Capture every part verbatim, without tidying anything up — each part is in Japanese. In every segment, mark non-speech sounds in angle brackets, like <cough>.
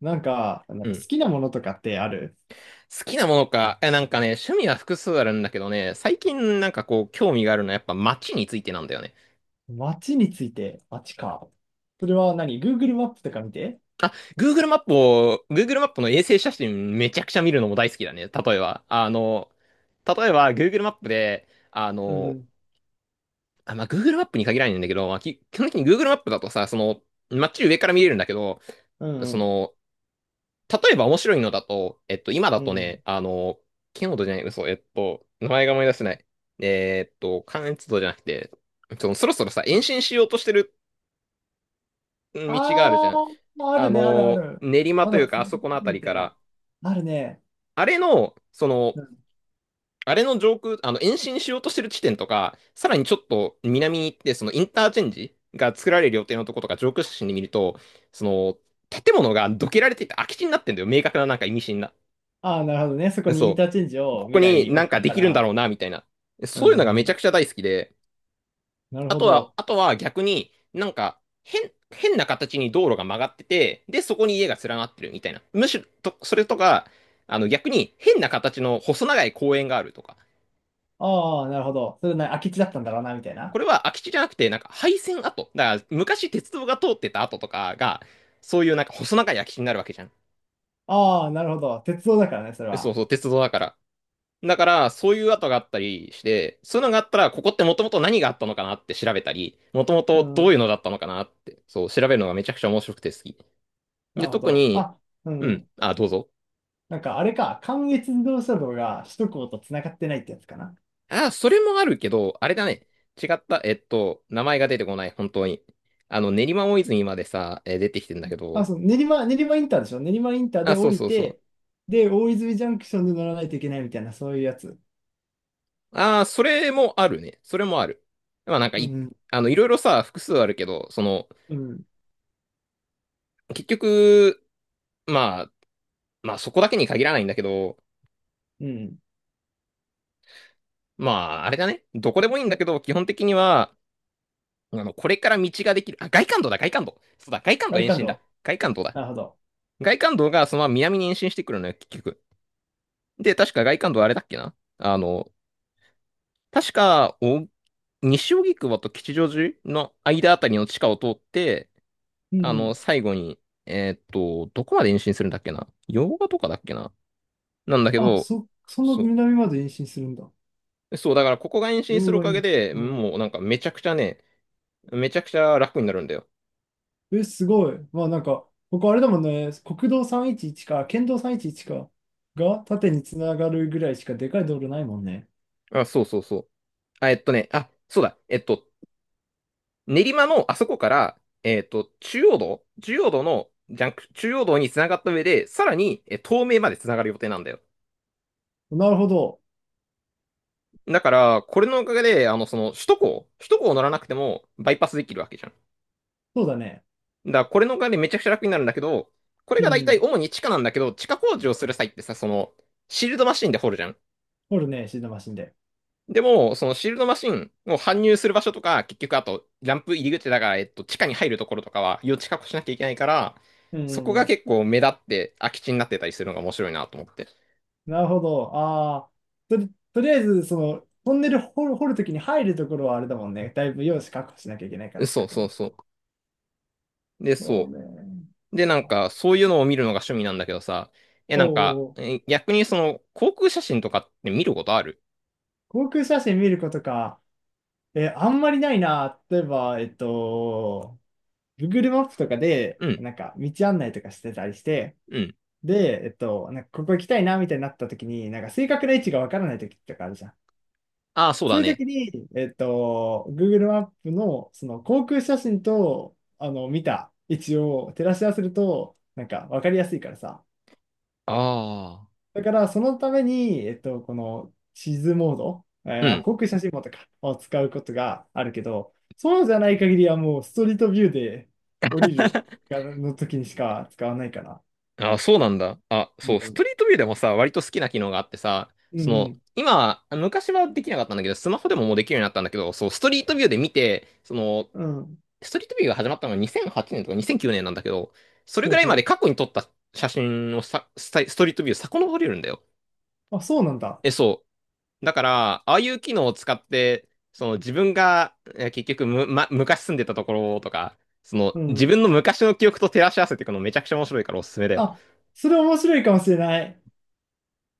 なんか、なうんか好ん。きなものとかってある？好きなものか。え、なんかね、趣味は複数あるんだけどね、最近なんかこう、興味があるのはやっぱ街についてなんだよね。街について、街か。それは何？ Google マップとか見て？あ、Google マップを、Google マップの衛星写真めちゃくちゃ見るのも大好きだね。例えば、あの、例えば Google マップで、あうんうの、ん。あ、まあ、Google マップに限らないんだけど、まあ、き基本的に Google マップだとさ、その、街上から見れるんだけど、うんそうん。の、例えば面白いのだと、えっと、今だうとね、ん。あの、キノードじゃない、嘘、えっと、名前が思い出せない。えーっと、関越道じゃなくて、そのそろそろさ、延伸しようとしてる道があるじあゃん。あ、ああるね、あるあの、る。練馬まといだうつか、あながっそてこのあるたりみたいかな。ら、あるね。あれの、その、うん。あれの上空、あの、延伸しようとしてる地点とか、さらにちょっと南に行って、そのインターチェンジが作られる予定のとことか、上空写真で見ると、その、建物がどけられていて空き地になってんだよ。明確ななんか意味深な。あー、なるほどね。そこにインそターチェンジう。をここ未に来なん置かくでかきるんだら。ろうな、みたいな。うそういうのがんうめちゃん。くちゃ大好きで。なるあほとは、ど。あとは逆になんか変、変な形に道路が曲がってて、で、そこに家が連なってるみたいな。むしろ、と、それとか、あの逆に変な形の細長い公園があるとか。ああなるほど。それな、空き地だったんだろうな、みたいこな。れは空き地じゃなくて、なんか廃線跡。だから昔鉄道が通ってた跡とかが、そういうなんか細長い空き地になるわけじゃん。ああなるほど。鉄道だからね、それそうは。そう、鉄道だから。だから、そういう跡があったりして、そういうのがあったら、ここってもともと何があったのかなって調べたり、もともうとどういうん。のだったのかなって、そう、調べるのがめちゃくちゃ面白くて好き。なで、るほ特ど。に、あ、ううん、ん。あ、どうぞ。なんかあれか、関越自動車道が首都高と繋がってないってやつかな。あ、それもあるけど、あれだね。違った、えっと、名前が出てこない、本当に。あの、練馬大泉までさ、えー出てきてんだけあ、ど、そう、練馬、練馬インターでしょ？練馬インターあ、でそ降うりそうそう。て、で、大泉ジャンクションで乗らないといけないみたいな、そういうやつ。ああ、それもあるね。それもある。まあなんかうい、ん、あの、いろいろさ、複数あるけど、その、うん、結局、まあ、まあそこだけに限らないんだけど、うん。まあ、あれだね。どこでもいいんだけど、基本的には、あの、これから道ができる。あ、外環道だ、外環道。そうだ、外環ガ道リ延カン伸だ。ド。外環道だ。なるほど。外環道がそのまま南に延伸してくるのよ、結局。で、確か外環道あれだっけなあの、確か、お、西荻窪と吉祥寺の間あたりの地下を通って、うん、あうの、ん。最後に、えーっと、どこまで延伸するんだっけな洋画とかだっけななんだけあ、ど、そ、そんなそ南まで延伸するんだ。う。そう、だからここが延伸す両るお側かげに。で、うん。もうなんかめちゃくちゃね、めちゃくちゃ楽になるんだよ。え、すごい。まあなんか、ここあれだもんね、国道さんびゃくじゅういちか、県道さんびゃくじゅういちか、が縦に繋がるぐらいしかでかい道路ないもんね。あ、そうそうそう。あ、えっとね、あ、そうだ。えっと、練馬のあそこから、えっと、中央道、中央道の、ジャンク、中央道に繋がった上で、さらに、え、東名まで繋がる予定なんだよ。なるほど。だから、これのおかげで、あの、その、首都高、首都高を乗らなくても、バイパスできるわけじゃん。そうだね。だから、これのおかげでめちゃくちゃ楽になるんだけど、これうが大体ん。主に地下なんだけど、地下工事をする際ってさ、その、シールドマシンで掘るじゃん。掘るね、シートマシンで。でも、そのシールドマシンを搬入する場所とか、結局あと、ランプ入り口だから、えっと、地下に入るところとかは、余地確保しなきゃいけないから、うんうそこんうがん。結構目立って空き地になってたりするのが面白いなと思って。なるほど。ああ、とり、とりあえず、その、トンネル掘る、掘るときに入るところはあれだもんね。だいぶ用紙確保しなきゃいけないからってそこうとそうね。そう。で、そうそね。う。で、なんか、そういうのを見るのが趣味なんだけどさ、え、おなんか、お、え逆にその、航空写真とかって見ることある航空写真見ることか。え、あんまりないな。例えば、えっと、Google マップとかで、うん、なんか、道案内とかしてたりして、うん。で、えっと、なんかここ行きたいな、みたいになったときに、なんか、正確な位置がわからないときとかあるじゃん。ああ、そうそだういうね。時に、えっと、Google マップのその航空写真とあの見た位置を照らし合わせると、なんか分かりやすいからさ。ああ。だからそのために、えっと、この地図モード、えうーん。航空写真モードか、を使うことがあるけど、そうじゃない限りはもうストリートビューで降りるがの時にしか使わないかな。あ、そうなんだ。あ、うそう、ストん。リートビューでもさ、割と好きな機能があってさ、うその、ん今、昔はできなかったんだけど、スマホでももうできるようになったんだけど、そう、ストリートビューで見て、その、うん。うん。ストリートビューが始まったのがにせんはちねんとかにせんきゅうねんなんだけど、それほぐうらいまでほ過去に撮った写真をさ、スタストリートビュー遡れるんだよ。う。あ、そうなんだ。え、そう。だから、ああいう機能を使って、その自分が、え結局む、ま、昔住んでたところとか、そうの自ん。分の昔の記憶と照らし合わせていくのめちゃくちゃ面白いからおすすめだよ。あ、それ面白いかもしれない。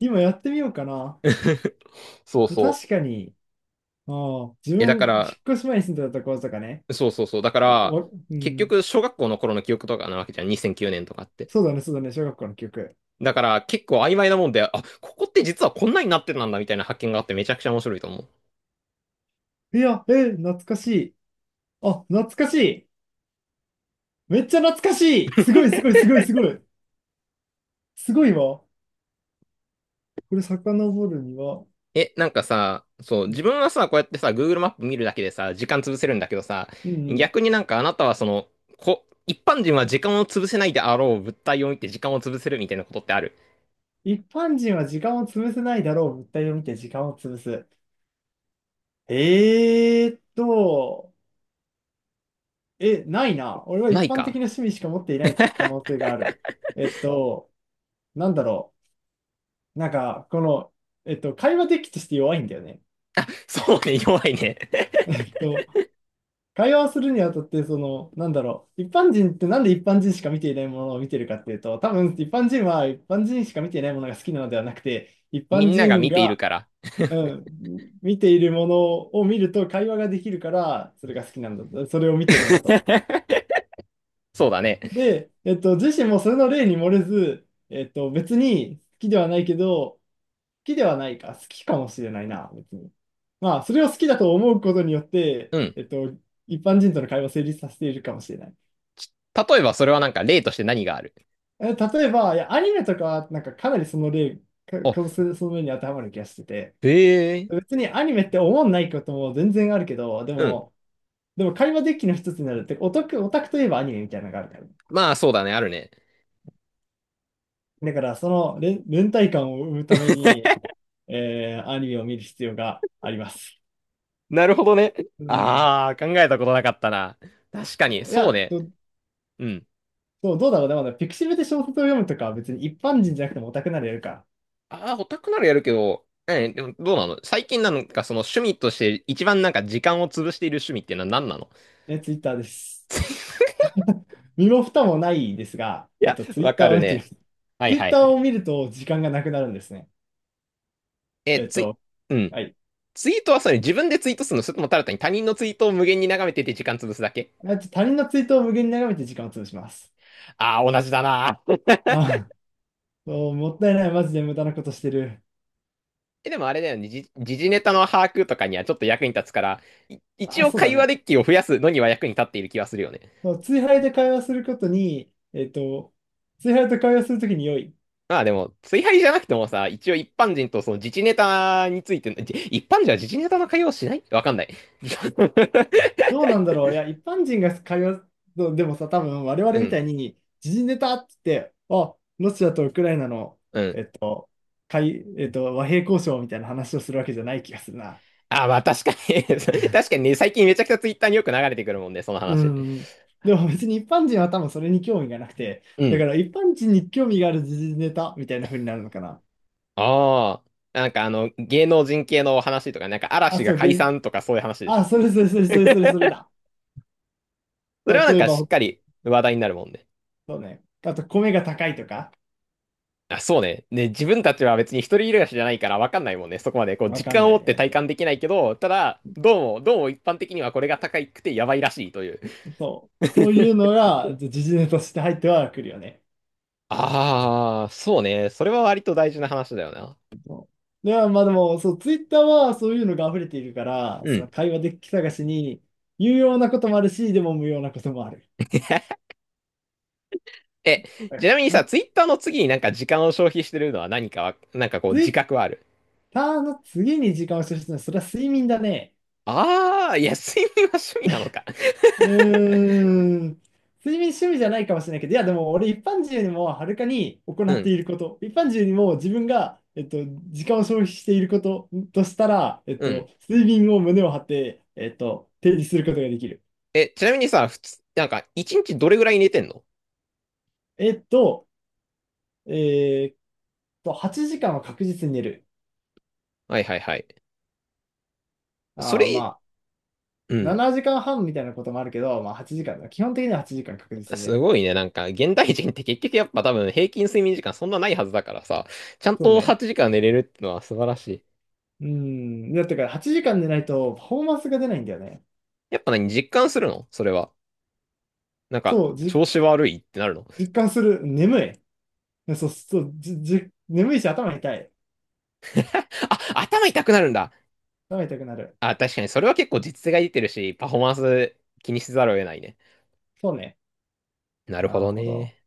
今やってみようかな。<laughs> そうでそう。確かに、あー自え、だ分、か引っら、越し前に住んでたところとかね、そうそうそう。だかおら、おう結ん、局、小学校の頃の記憶とかなわけじゃん。にせんきゅうねんとかって。そうだね、そうだね、小学校の記憶。だから、結構曖昧なもんで、あ、ここって実はこんなになってたんだみたいな発見があってめちゃくちゃ面白いと思う。いや、えー、懐かしい。あ、懐かしい。めっちゃ懐かしい。すごい、すごい、すごい、すごい。すごいわ。これ、遡るには、え、なんかさ、そう、う自ん、分はさ、こうやってさ、Google マップ見るだけでさ、時間潰せるんだけどさ、うんうん。逆になんかあなたはその、こ、一般人は時間を潰せないであろう物体を見て時間を潰せるみたいなことってある一般人は時間を潰せないだろう。物体を見て時間を潰す。えーっと、え、ないな。俺はな一い般的なか趣味しか持っていない可能性がある。えっと、なんだろう。なんか、この、えっと、会話的として弱いんだよね。そうね、弱いね。えっと、会話をするにあたって、その、なんだろう、一般人ってなんで一般人しか見ていないものを見てるかっていうと、多分一般人は一般人しか見ていないものが好きなのではなくて、一 <laughs> み般んなが人見ているが、から。うん、見ているものを見ると会話ができるから、それが好きなんだと、それを見てるんだと。<laughs> そうだね。で、えっと、自身もそれの例に漏れず、えっと、別に好きではないけど、きではないか、好きかもしれないな、別に。まあ、それを好きだと思うことによって、うん。えっと、一般人との会話を成立させているかもしれない。例えばそれはなんか例として何があるえ例えば、いや、アニメとかは、なんかかなりその例、か、あかその面に当てはまる気がしてて、へえ。別にアニメって思んないことも全然あるけど、でうん。も、でも会話デッキの一つになるって、オタク、オタクといえばアニメみたいなのがあるから。まあそうだね、あるね。だから、その連、連帯感を生むために、えーアニメを見る必要があります。なるほどね。うん。ああ、考えたことなかったな。確かに、いそうや、ね。ど、うん。そう、どうだろうね。まだピクシブで小説を読むとかは別に一般人じゃなくてもオタクならやるか。ああ、オタクならやるけど、え、でもどうなの最近なんかその趣味として一番なんか時間を潰している趣味っていうのは何なの ね、ツイッターです。<laughs> 身も蓋もないですが、いえっや、と、ツイわッタかーをる見てみまね。す。はいツイはッいタはーをい。見ると時間がなくなるんですね。え、えっツイ、と、うん。はい。ツイートはそれ自分でツイートするのそれともただ単に他人のツイートを無限に眺めてて時間潰すだけまあと他人のツイートを無限に眺めて時間を潰します。ああー、同じだな。あ、そう、もったいない。マジで無駄なことしてる。え、でもあれだよね、時事時事ネタの把握とかにはちょっと役に立つから、い一あ、応そうだ会話ね。デッキを増やすのには役に立っている気はするよね。そう、ツイハイで会話することに、えっと、ツイハイと会話するときに良い。まあでも、追敗じゃなくてもさ、一応一般人とその自事ネタについての、<laughs> じ一般人は自事ネタの会話をしないわかんない。<laughs> どうなんだろう。いや、一般人が会話の、でもさ、多分我う々みん、たいに、時事ネタって言って、あ、ロシアとウクライナのうん。会、えっと、和平交渉みたいな話をするわけじゃない気がするな。あ、まあ確かに <laughs> 確かにね、最近めちゃくちゃツイッターによく流れてくるもんね、そのう話。ん。でも別に一般人は多分それに興味がなくて、うだかん。ら一般人に興味がある時事ネタみたいな風になるのかな。ああ。なんかあの、芸能人系の話とか、なんかあ、嵐がそう、げ解ん、散とかそういう話でしあ、ょ。それそれそれそれそれそれだ。それはなん例えかば、しっほかり話題になるもんね。そうね。あと、米が高いとか、あ、そうね。ね、自分たちは別に一人暮らしじゃないから分かんないもんね。そこまでこうわか実ん感をな持いってね。体感そできないけど、ただ、どうも、どうも一般的にはこれが高くてやばいらしいという。う。そう。そういうの <laughs> が、時事ネタとして入ってはくるよね。ああ、そうね。それは割と大事な話だよな。で、ままあでも、そう、ツイッターはそういうのが溢れているから、うそのん。会話デッキ探しに有用なこともあるし、でも無用なこともある。<laughs> え、だちかなみにらんさ、ツイッターの次になんか時間を消費してるのは何かは、なんかこうツイ自ッ覚はある。ターの次に時間を消費するのは、それは睡眠だね。ああ、いや、睡眠は趣味なのか。うーん。睡眠趣味じゃないかもしれないけど、いやでも俺一般人よりもはるかに行 <laughs> うってん、いること、一般人よりも自分が、えっと、時間を消費していることとしたら、えっうん。と、睡眠を胸を張って、えっと、提示することができる。え、ちなみにさ、普通、なんか一日どれぐらい寝てんのえっと、えーっと、はちじかんは確実に寝る。はいはいはい。そああ、まれ、うあ、ん。ななじかんはんみたいなこともあるけど、まあはちじかんだ。基本的にははちじかん確実に寝する。ごいね。なんか、現代人って結局やっぱ多分平均睡眠時間そんなないはずだからさ、ちゃんそうとね。はちじかん寝れるってのは素晴らしい。うん。だってからはちじかん寝ないとパフォーマンスが出ないんだよね。やっぱ何、実感するのそれは。なんか、そう、じ、調子悪いってなるの 実感する。眠い。そう、そう、じ、じ、眠いし頭痛い。<laughs> あ、頭痛くなるんだ。頭痛くなる。あ、確かにそれは結構実勢が出てるし、パフォーマンス気にせざるを得ないね。そうね。なるほなるどほど。ね。